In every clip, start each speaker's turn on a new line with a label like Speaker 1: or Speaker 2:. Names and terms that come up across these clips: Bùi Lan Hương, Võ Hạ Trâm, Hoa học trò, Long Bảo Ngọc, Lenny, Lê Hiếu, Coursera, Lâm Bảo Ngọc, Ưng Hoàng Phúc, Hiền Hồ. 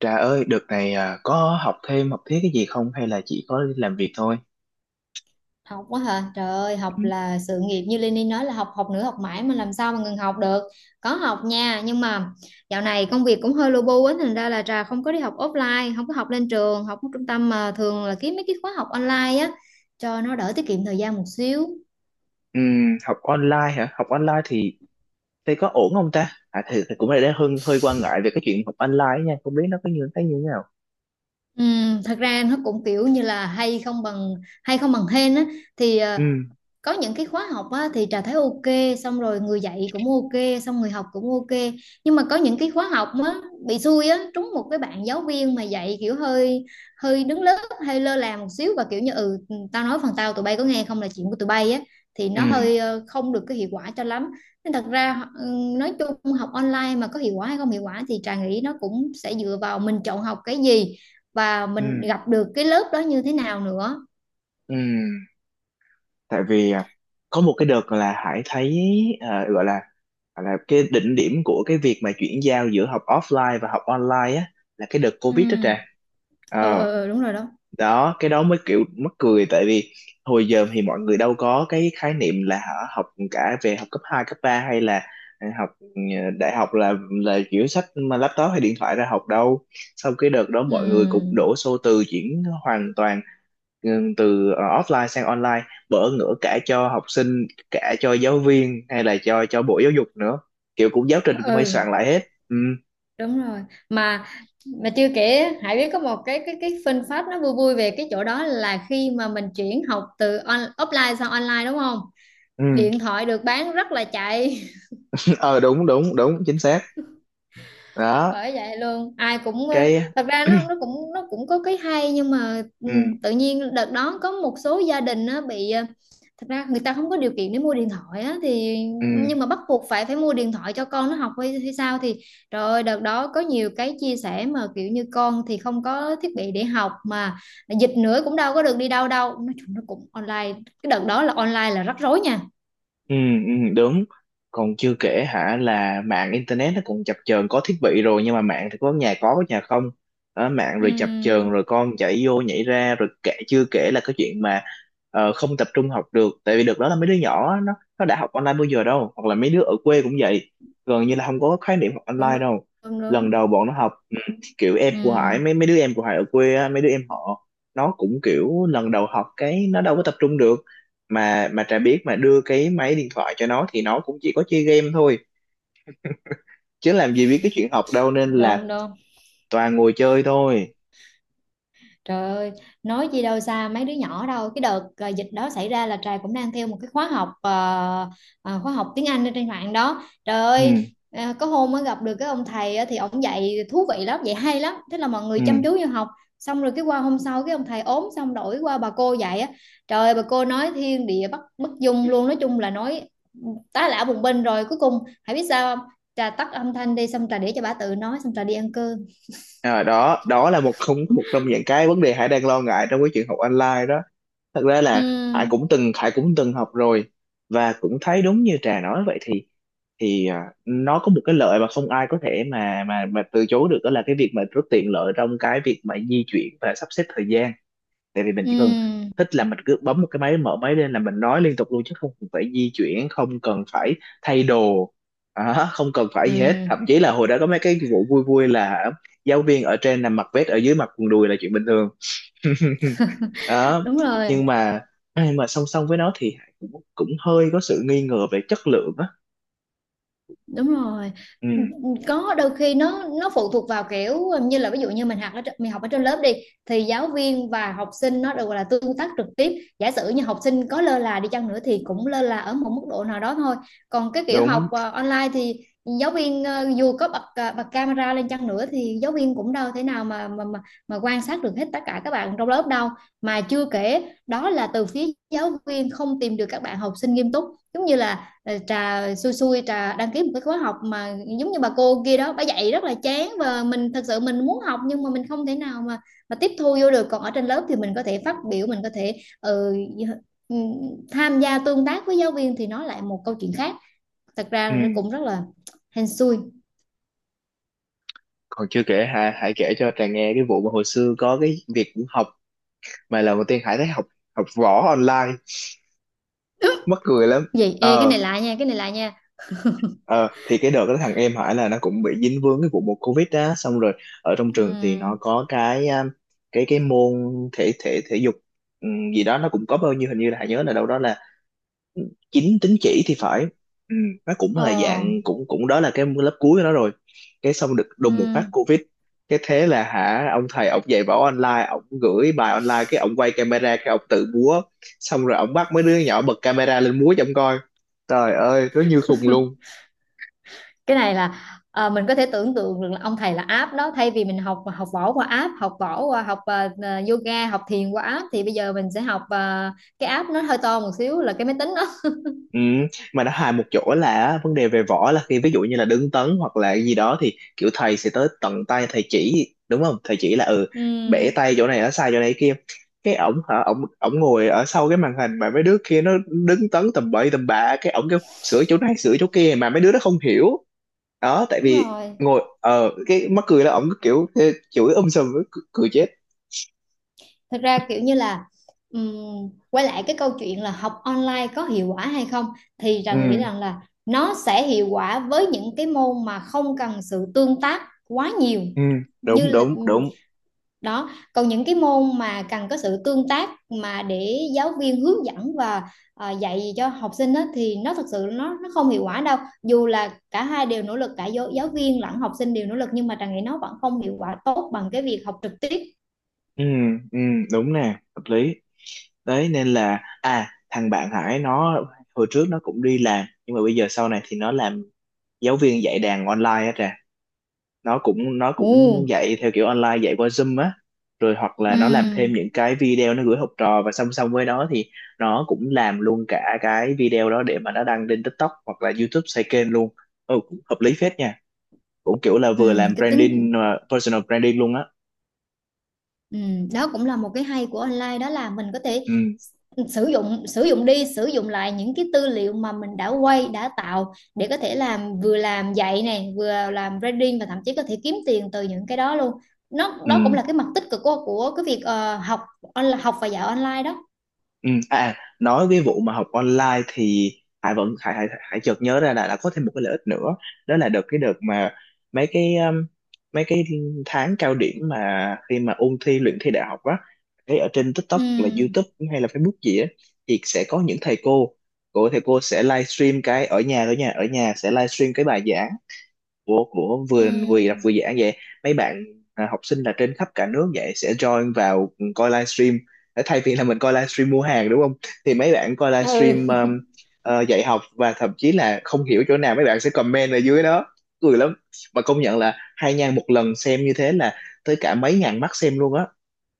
Speaker 1: Trà ơi, đợt này à, có học thêm học thiết cái gì không, hay là chỉ có làm việc thôi?
Speaker 2: Học quá hả trời ơi,
Speaker 1: Ừ,
Speaker 2: học là sự nghiệp như Lenny nói là học, học nữa, học mãi, mà làm sao mà ngừng học được. Có học nha, nhưng mà dạo này công việc cũng hơi lu bu á, thành ra là Trà không có đi học offline, không có học lên trường học ở trung tâm, mà thường là kiếm mấy cái khóa học online á, cho nó đỡ tiết kiệm thời gian một xíu.
Speaker 1: học online hả? Học online thì có ổn không ta? À thì cũng là đang hơi hơi quan ngại về cái chuyện học online nha, không biết nó có như thế nào.
Speaker 2: Thật ra nó cũng kiểu như là hay không bằng hên á, thì
Speaker 1: Ừ,
Speaker 2: có những cái khóa học á, thì Trà thấy ok, xong rồi người dạy cũng ok, xong người học cũng ok. Nhưng mà có những cái khóa học á, bị xui á, trúng một cái bạn giáo viên mà dạy kiểu hơi hơi đứng lớp, hơi lơ là một xíu, và kiểu như ừ, tao nói phần tao tụi bay có nghe không là chuyện của tụi bay á, thì
Speaker 1: ừ,
Speaker 2: nó hơi không được cái hiệu quả cho lắm. Nên thật ra nói chung học online mà có hiệu quả hay không hiệu quả thì Trà nghĩ nó cũng sẽ dựa vào mình chọn học cái gì và
Speaker 1: ừ,
Speaker 2: mình gặp được cái lớp đó như thế nào nữa.
Speaker 1: ừ. Tại vì à, có một cái đợt là Hải thấy, à, gọi là cái đỉnh điểm của cái việc mà chuyển giao giữa học offline và học online á, là cái đợt Covid đó
Speaker 2: Ừ,
Speaker 1: Trà.
Speaker 2: ừ,
Speaker 1: Ờ,
Speaker 2: ừ, ừ, đúng rồi đó.
Speaker 1: đó, cái đó mới kiểu mắc cười, tại vì hồi giờ thì mọi người đâu có cái khái niệm là hả, học, cả về học cấp 2 cấp 3 hay là học, đại học, là kiểu sách mà laptop hay điện thoại ra học đâu. Sau cái đợt đó mọi người cũng
Speaker 2: Ừ,
Speaker 1: đổ xô, từ chuyển hoàn toàn, ừ, từ offline sang online, bỡ ngỡ cả cho học sinh, cả cho giáo viên, hay là cho bộ giáo dục nữa, kiểu cũng giáo trình cũng phải
Speaker 2: ừ,
Speaker 1: soạn lại hết. Ừ.
Speaker 2: đúng rồi. Mà mà chưa kể Hải biết có một cái fun fact nó vui vui về cái chỗ đó là khi mà mình chuyển học từ offline sang online đúng không?
Speaker 1: Ừ.
Speaker 2: Điện thoại được bán rất là chạy.
Speaker 1: Ờ đúng đúng đúng, chính xác. Đó,
Speaker 2: Bởi vậy luôn, ai cũng
Speaker 1: cái...
Speaker 2: thật ra nó cũng có cái hay nhưng mà
Speaker 1: ừ.
Speaker 2: tự nhiên đợt đó có một số gia đình nó bị thật ra người ta không có điều kiện để mua điện thoại á, thì
Speaker 1: Ừ,
Speaker 2: nhưng mà bắt buộc phải phải mua điện thoại cho con nó học hay sao thì trời ơi, đợt đó có nhiều cái chia sẻ mà kiểu như con thì không có thiết bị để học, mà dịch nữa cũng đâu có được đi đâu đâu, nói chung nó cũng online. Cái đợt đó là online là rắc rối nha.
Speaker 1: ừ, ừ, đúng. Còn chưa kể hả là mạng internet nó cũng chập chờn, có thiết bị rồi nhưng mà mạng thì có nhà có nhà không. Đó, mạng
Speaker 2: Ừ,
Speaker 1: rồi chập chờn, rồi con chạy vô nhảy ra, rồi kể, chưa kể là cái chuyện mà, không tập trung học được, tại vì được đó là mấy đứa nhỏ á, nó đã học online bao giờ đâu, hoặc là mấy đứa ở quê cũng vậy, gần như là không có khái niệm học
Speaker 2: đúng
Speaker 1: online
Speaker 2: đúng
Speaker 1: đâu.
Speaker 2: đúng
Speaker 1: Lần
Speaker 2: đúng.
Speaker 1: đầu bọn nó học, ừ, kiểu em của Hải,
Speaker 2: Ừ,
Speaker 1: mấy mấy đứa em của Hải ở quê á, mấy đứa em họ, nó cũng kiểu lần đầu học cái nó đâu có tập trung được. Mà Trà biết, mà đưa cái máy điện thoại cho nó thì nó cũng chỉ có chơi game thôi, chứ làm gì biết cái chuyện học đâu, nên là
Speaker 2: đúng đúng.
Speaker 1: toàn ngồi chơi thôi.
Speaker 2: Trời ơi, nói gì đâu xa mấy đứa nhỏ đâu. Cái đợt à, dịch đó xảy ra là Trà cũng đang theo một cái khóa học khóa học tiếng Anh ở trên mạng đó. Trời ơi,
Speaker 1: Ừ.
Speaker 2: có hôm mới gặp được cái ông thầy á, thì ông dạy thú vị lắm, dạy hay lắm. Thế là mọi người
Speaker 1: Ừ.
Speaker 2: chăm chú vô học. Xong rồi cái qua hôm sau cái ông thầy ốm xong đổi qua bà cô dạy á. Trời ơi, bà cô nói thiên địa bất bất dung luôn, nói chung là nói tá lả bùng binh rồi cuối cùng hãy biết sao không? Trà tắt âm thanh đi xong Trà để cho bà tự nói xong Trà đi ăn cơm.
Speaker 1: Đó đó là một, không một trong những cái vấn đề Hải đang lo ngại trong cái chuyện học online đó. Thật ra
Speaker 2: Ừ,
Speaker 1: là Hải cũng từng, học rồi, và cũng thấy đúng như Trà nói vậy, thì nó có một cái lợi mà không ai có thể mà mà từ chối được, đó là cái việc mà rất tiện lợi trong cái việc mà di chuyển và sắp xếp thời gian. Tại vì mình chỉ cần
Speaker 2: ừ,
Speaker 1: thích là mình cứ bấm một cái máy, mở máy lên là mình nói liên tục luôn, chứ không cần phải di chuyển, không cần phải thay đồ. Đó, không cần phải
Speaker 2: ừ,
Speaker 1: gì hết. Thậm chí là hồi đó có mấy cái vụ vui vui là giáo viên ở trên nằm mặc vest, ở dưới mặc quần đùi là chuyện bình thường. Đó.
Speaker 2: đúng rồi,
Speaker 1: Nhưng mà song song với nó thì Hải cũng cũng hơi có sự nghi ngờ về chất lượng á.
Speaker 2: đúng rồi.
Speaker 1: Ừ.
Speaker 2: Có đôi khi nó phụ thuộc vào kiểu như là ví dụ như mình học ở mình học ở trên lớp đi, thì giáo viên và học sinh nó được gọi là tương tác trực tiếp. Giả sử như học sinh có lơ là đi chăng nữa thì cũng lơ là ở một mức độ nào đó thôi. Còn cái kiểu học
Speaker 1: Đúng.
Speaker 2: online thì giáo viên dù có bật ờ, bật camera lên chăng nữa thì giáo viên cũng đâu thể nào mà quan sát được hết tất cả các bạn trong lớp đâu. Mà chưa kể đó là từ phía giáo viên không tìm được các bạn học sinh nghiêm túc, giống như là Trà xui xui Trà đăng ký một cái khóa học mà giống như bà cô kia đó, bà dạy rất là chán và mình thật sự mình muốn học nhưng mà mình không thể nào mà tiếp thu vô được. Còn ở trên lớp thì mình có thể phát biểu, mình có thể ừ, tham gia tương tác với giáo viên thì nó lại một câu chuyện khác. Thật ra là nó
Speaker 1: Ừ.
Speaker 2: cũng rất là hên xui.
Speaker 1: Còn chưa kể Hải, kể cho Trà nghe cái vụ mà hồi xưa có cái việc học, mà lần đầu tiên Hải thấy học, học võ online, mắc cười lắm.
Speaker 2: Vậy ê, cái này
Speaker 1: ờ
Speaker 2: lại nha, cái này lại nha.
Speaker 1: ờ thì cái đợt đó thằng em Hải là nó cũng bị dính vướng cái vụ một Covid á, xong rồi ở trong
Speaker 2: Ừ.
Speaker 1: trường thì nó có cái, cái môn thể, thể dục, gì đó, nó cũng có bao nhiêu, hình như là Hải nhớ là đâu đó là 9 tín chỉ thì phải. Ừ. Nó cũng
Speaker 2: Ồ.
Speaker 1: là dạng cũng, đó là cái lớp cuối của nó rồi. Cái xong được
Speaker 2: Ừ.
Speaker 1: đùng một phát Covid, cái thế là hả, ông thầy ông dạy võ online, ông gửi bài online, cái ông quay camera cái ông tự múa, xong rồi ông bắt mấy đứa nhỏ bật camera lên múa cho ông coi. Trời ơi, nó như khùng luôn.
Speaker 2: Cái này là mình có thể tưởng tượng được là ông thầy là app đó, thay vì mình học học võ qua app, học võ qua học yoga, học thiền qua app thì bây giờ mình sẽ học cái app nó hơi to một xíu là cái máy tính đó.
Speaker 1: Ừ, mà nó hài một chỗ là vấn đề về võ là khi ví dụ như là đứng tấn hoặc là gì đó thì kiểu thầy sẽ tới tận tay thầy chỉ, đúng không, thầy chỉ là, ừ, bẻ
Speaker 2: Ừm,
Speaker 1: tay chỗ này, ở sai chỗ này kia. Cái ổng hả, ổng ổng ngồi ở sau cái màn hình, mà mấy đứa kia nó đứng tấn tầm bậy tầm bạ, cái ổng kêu sửa chỗ này sửa chỗ kia mà mấy đứa nó không hiểu. Đó, tại
Speaker 2: đúng
Speaker 1: vì
Speaker 2: rồi.
Speaker 1: ngồi, cái mắc cười là ổng cứ kiểu ê, chửi sùm, cười, cười chết.
Speaker 2: Thật ra kiểu như là quay lại cái câu chuyện là học online có hiệu quả hay không thì Trà nghĩ
Speaker 1: Ừ.
Speaker 2: rằng là nó sẽ hiệu quả với những cái môn mà không cần sự tương tác quá nhiều,
Speaker 1: Ừ,
Speaker 2: như
Speaker 1: đúng
Speaker 2: là
Speaker 1: đúng đúng.
Speaker 2: đó. Còn những cái môn mà cần có sự tương tác mà để giáo viên hướng dẫn và dạy cho học sinh đó thì nó thật sự nó không hiệu quả đâu. Dù là cả hai đều nỗ lực, cả giáo viên lẫn học sinh đều nỗ lực nhưng mà Trà nghĩ nó vẫn không hiệu quả tốt bằng cái việc học trực tiếp.
Speaker 1: Ừ. Ừ, đúng nè, hợp lý. Đấy nên là, thằng bạn Hải nó hồi trước nó cũng đi làm, nhưng mà bây giờ sau này thì nó làm giáo viên dạy đàn online á Trà. Nó cũng,
Speaker 2: Ừ,
Speaker 1: dạy theo kiểu online, dạy qua Zoom á, rồi hoặc là nó làm thêm
Speaker 2: ừ,
Speaker 1: những cái video nó gửi học trò, và song song với đó thì nó cũng làm luôn cả cái video đó để mà nó đăng lên TikTok hoặc là YouTube, xây kênh luôn. Ừ, cũng hợp lý phết nha, cũng kiểu là
Speaker 2: ừ,
Speaker 1: vừa làm
Speaker 2: cái tính.
Speaker 1: branding mà personal branding luôn á.
Speaker 2: Ừ, đó cũng là một cái hay của online đó là mình có thể
Speaker 1: Ừ.
Speaker 2: sử dụng đi sử dụng lại những cái tư liệu mà mình đã quay, đã tạo để có thể làm, vừa làm dạy này vừa làm branding và thậm chí có thể kiếm tiền từ những cái đó luôn. Nó đó cũng
Speaker 1: Ừ.
Speaker 2: là cái mặt tích cực của cái việc học học và dạy online đó.
Speaker 1: Ừ, nói cái vụ mà học online thì Hải vẫn, Hải Hải, Hải chợt nhớ ra là có thêm một cái lợi ích nữa, đó là được cái đợt mà, mấy cái um, mấy cái tháng cao điểm mà khi mà ôn thi luyện thi đại học á, thấy ở trên TikTok
Speaker 2: Ừ,
Speaker 1: hoặc là YouTube hay là Facebook gì á, thì sẽ có những thầy cô, sẽ livestream cái ở nhà, ở nhà sẽ livestream cái bài giảng của, vừa, đọc
Speaker 2: ừ,
Speaker 1: vừa giảng vậy. Mấy bạn, à, học sinh là trên khắp cả nước vậy sẽ join vào coi livestream. Ờ, thay vì là mình coi livestream mua hàng đúng không, thì mấy bạn coi
Speaker 2: ừ,
Speaker 1: livestream, dạy học, và thậm chí là không hiểu chỗ nào mấy bạn sẽ comment ở dưới đó, cười lắm. Mà công nhận là hai nha, một lần xem như thế là tới cả mấy ngàn mắt xem luôn á.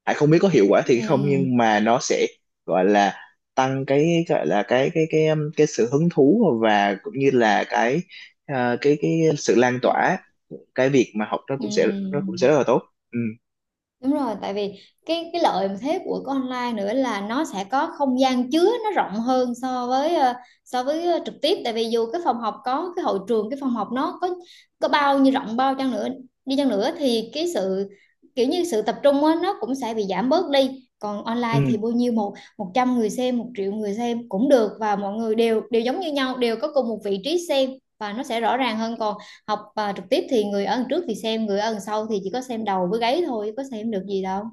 Speaker 1: Hải không biết có hiệu quả thì không,
Speaker 2: ừ,
Speaker 1: nhưng mà nó sẽ, gọi là, tăng cái, gọi là, cái cái sự hứng thú, và cũng như là cái, cái sự lan tỏa, cái việc mà học nó
Speaker 2: ừ.
Speaker 1: cũng sẽ, rất là tốt. Ừ.
Speaker 2: Đúng rồi, tại vì cái lợi mà thế của cái online nữa là nó sẽ có không gian chứa nó rộng hơn so với so với trực tiếp, tại vì dù cái phòng học có cái hội trường, cái phòng học nó có bao nhiêu rộng bao chăng nữa đi chăng nữa thì cái sự kiểu như sự tập trung á, nó cũng sẽ bị giảm bớt đi. Còn
Speaker 1: Ừ.
Speaker 2: online thì bao nhiêu một 100 người xem, 1.000.000 người xem cũng được, và mọi người đều đều giống như nhau, đều có cùng một vị trí xem, và nó sẽ rõ ràng hơn. Còn học trực tiếp thì người ở đằng trước thì xem, người ở đằng sau thì chỉ có xem đầu với gáy thôi, có xem được gì đâu.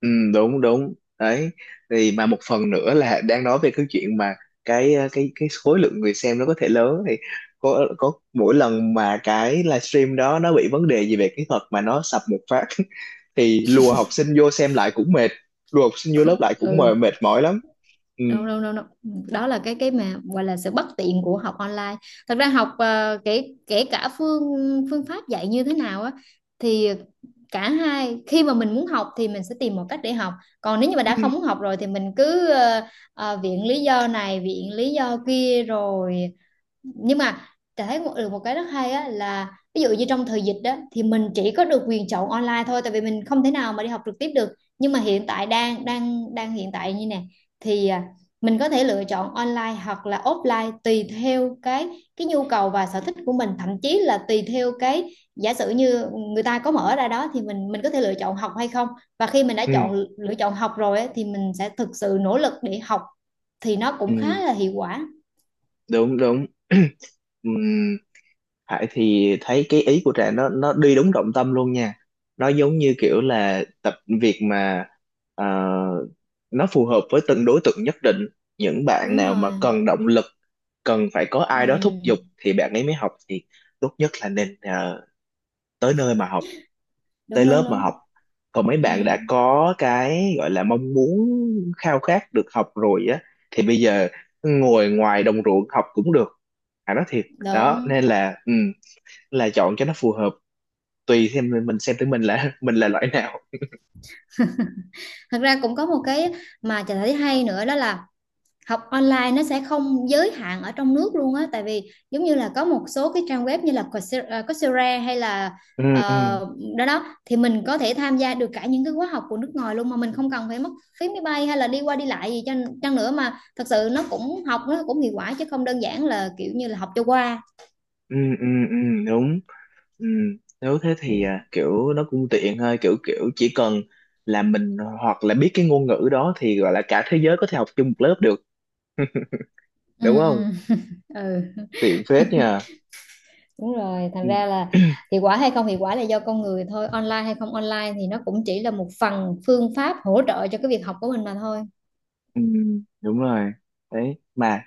Speaker 1: Ừ, đúng đúng. Đấy thì mà một phần nữa là đang nói về cái chuyện mà cái, cái khối lượng người xem nó có thể lớn thì, có mỗi lần mà cái livestream đó nó bị vấn đề gì về kỹ thuật mà nó sập một phát, thì lùa học sinh vô xem lại cũng mệt, lùa học sinh vô lớp lại cũng mệt,
Speaker 2: Ừ,
Speaker 1: mệt mỏi lắm. Ừ.
Speaker 2: đâu đâu đâu đâu. Đó là cái mà gọi là sự bất tiện của học online. Thật ra học kể kể cả phương phương pháp dạy như thế nào á, thì cả hai khi mà mình muốn học thì mình sẽ tìm một cách để học. Còn nếu như mà
Speaker 1: Ừ.
Speaker 2: đã không muốn học rồi thì mình cứ viện lý do này viện lý do kia rồi. Nhưng mà Trà thấy được một cái rất hay á là ví dụ như trong thời dịch đó thì mình chỉ có được quyền chọn online thôi tại vì mình không thể nào mà đi học trực tiếp được. Nhưng mà hiện tại đang đang đang hiện tại như nè thì mình có thể lựa chọn online hoặc là offline tùy theo cái nhu cầu và sở thích của mình, thậm chí là tùy theo cái, giả sử như người ta có mở ra đó thì mình có thể lựa chọn học hay không. Và khi mình đã
Speaker 1: Ừ.
Speaker 2: lựa chọn học rồi á, thì mình sẽ thực sự nỗ lực để học thì nó
Speaker 1: Ừ,
Speaker 2: cũng khá là hiệu quả,
Speaker 1: đúng đúng. Ừ. Hải thì thấy cái ý của Trà nó, đi đúng trọng tâm luôn nha. Nó giống như kiểu là tập, việc mà, ờ, nó phù hợp với từng đối tượng nhất định. Những bạn
Speaker 2: đúng
Speaker 1: nào mà
Speaker 2: rồi.
Speaker 1: cần động lực, cần phải có ai đó thúc giục
Speaker 2: Ừ,
Speaker 1: thì bạn ấy mới học, thì tốt nhất là nên, tới nơi mà học, tới
Speaker 2: đúng
Speaker 1: lớp
Speaker 2: đúng
Speaker 1: mà
Speaker 2: đúng.
Speaker 1: học. Còn mấy
Speaker 2: Ừ,
Speaker 1: bạn đã có cái gọi là mong muốn, khao khát được học rồi á, thì bây giờ ngồi ngoài đồng ruộng học cũng được. Hải nói thiệt. Đó,
Speaker 2: đúng.
Speaker 1: nên là, ừ, là chọn cho nó phù hợp, tùy xem mình, xem tới mình là, mình là loại nào.
Speaker 2: Thật ra cũng có một cái mà chị thấy hay nữa đó là học online nó sẽ không giới hạn ở trong nước luôn á, tại vì giống như là có một số cái trang web như là Coursera hay là
Speaker 1: Ừ. Ừ.
Speaker 2: ờ, đó đó, thì mình có thể tham gia được cả những cái khóa học của nước ngoài luôn mà mình không cần phải mất phí máy bay hay là đi qua đi lại gì chăng nữa, mà thật sự nó cũng hiệu quả chứ không đơn giản là kiểu như là học cho qua.
Speaker 1: Ừ. Ừ. Ừ, đúng. Ừ. Nếu thế thì, à, kiểu nó cũng tiện thôi, kiểu kiểu chỉ cần là mình hoặc là biết cái ngôn ngữ đó thì gọi là cả thế giới có thể học chung một lớp được.
Speaker 2: Ừ,
Speaker 1: Đúng không,
Speaker 2: ừ. Ừ.
Speaker 1: tiện phết nha.
Speaker 2: Đúng rồi, thành
Speaker 1: Ừ.
Speaker 2: ra là hiệu quả hay không hiệu quả là do con người thôi, online hay không online thì nó cũng chỉ là một phần phương pháp hỗ trợ cho cái việc học của mình mà thôi.
Speaker 1: Ừ, đúng rồi. Đấy mà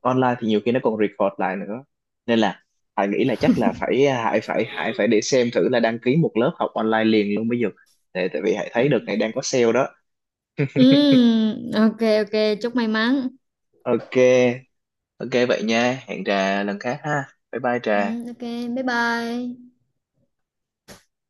Speaker 1: online thì nhiều khi nó còn record lại nữa, nên là Hải nghĩ là chắc là phải, Hải phải Hải phải để xem thử là đăng ký một lớp học online liền luôn bây giờ, tại, vì Hải thấy đợt này đang có sale đó.
Speaker 2: Ừ, ok ok, chúc may mắn.
Speaker 1: Ok, ok, vậy nha, hẹn Trà lần khác ha, bye bye
Speaker 2: Ừ,
Speaker 1: Trà.
Speaker 2: ok, bye bye.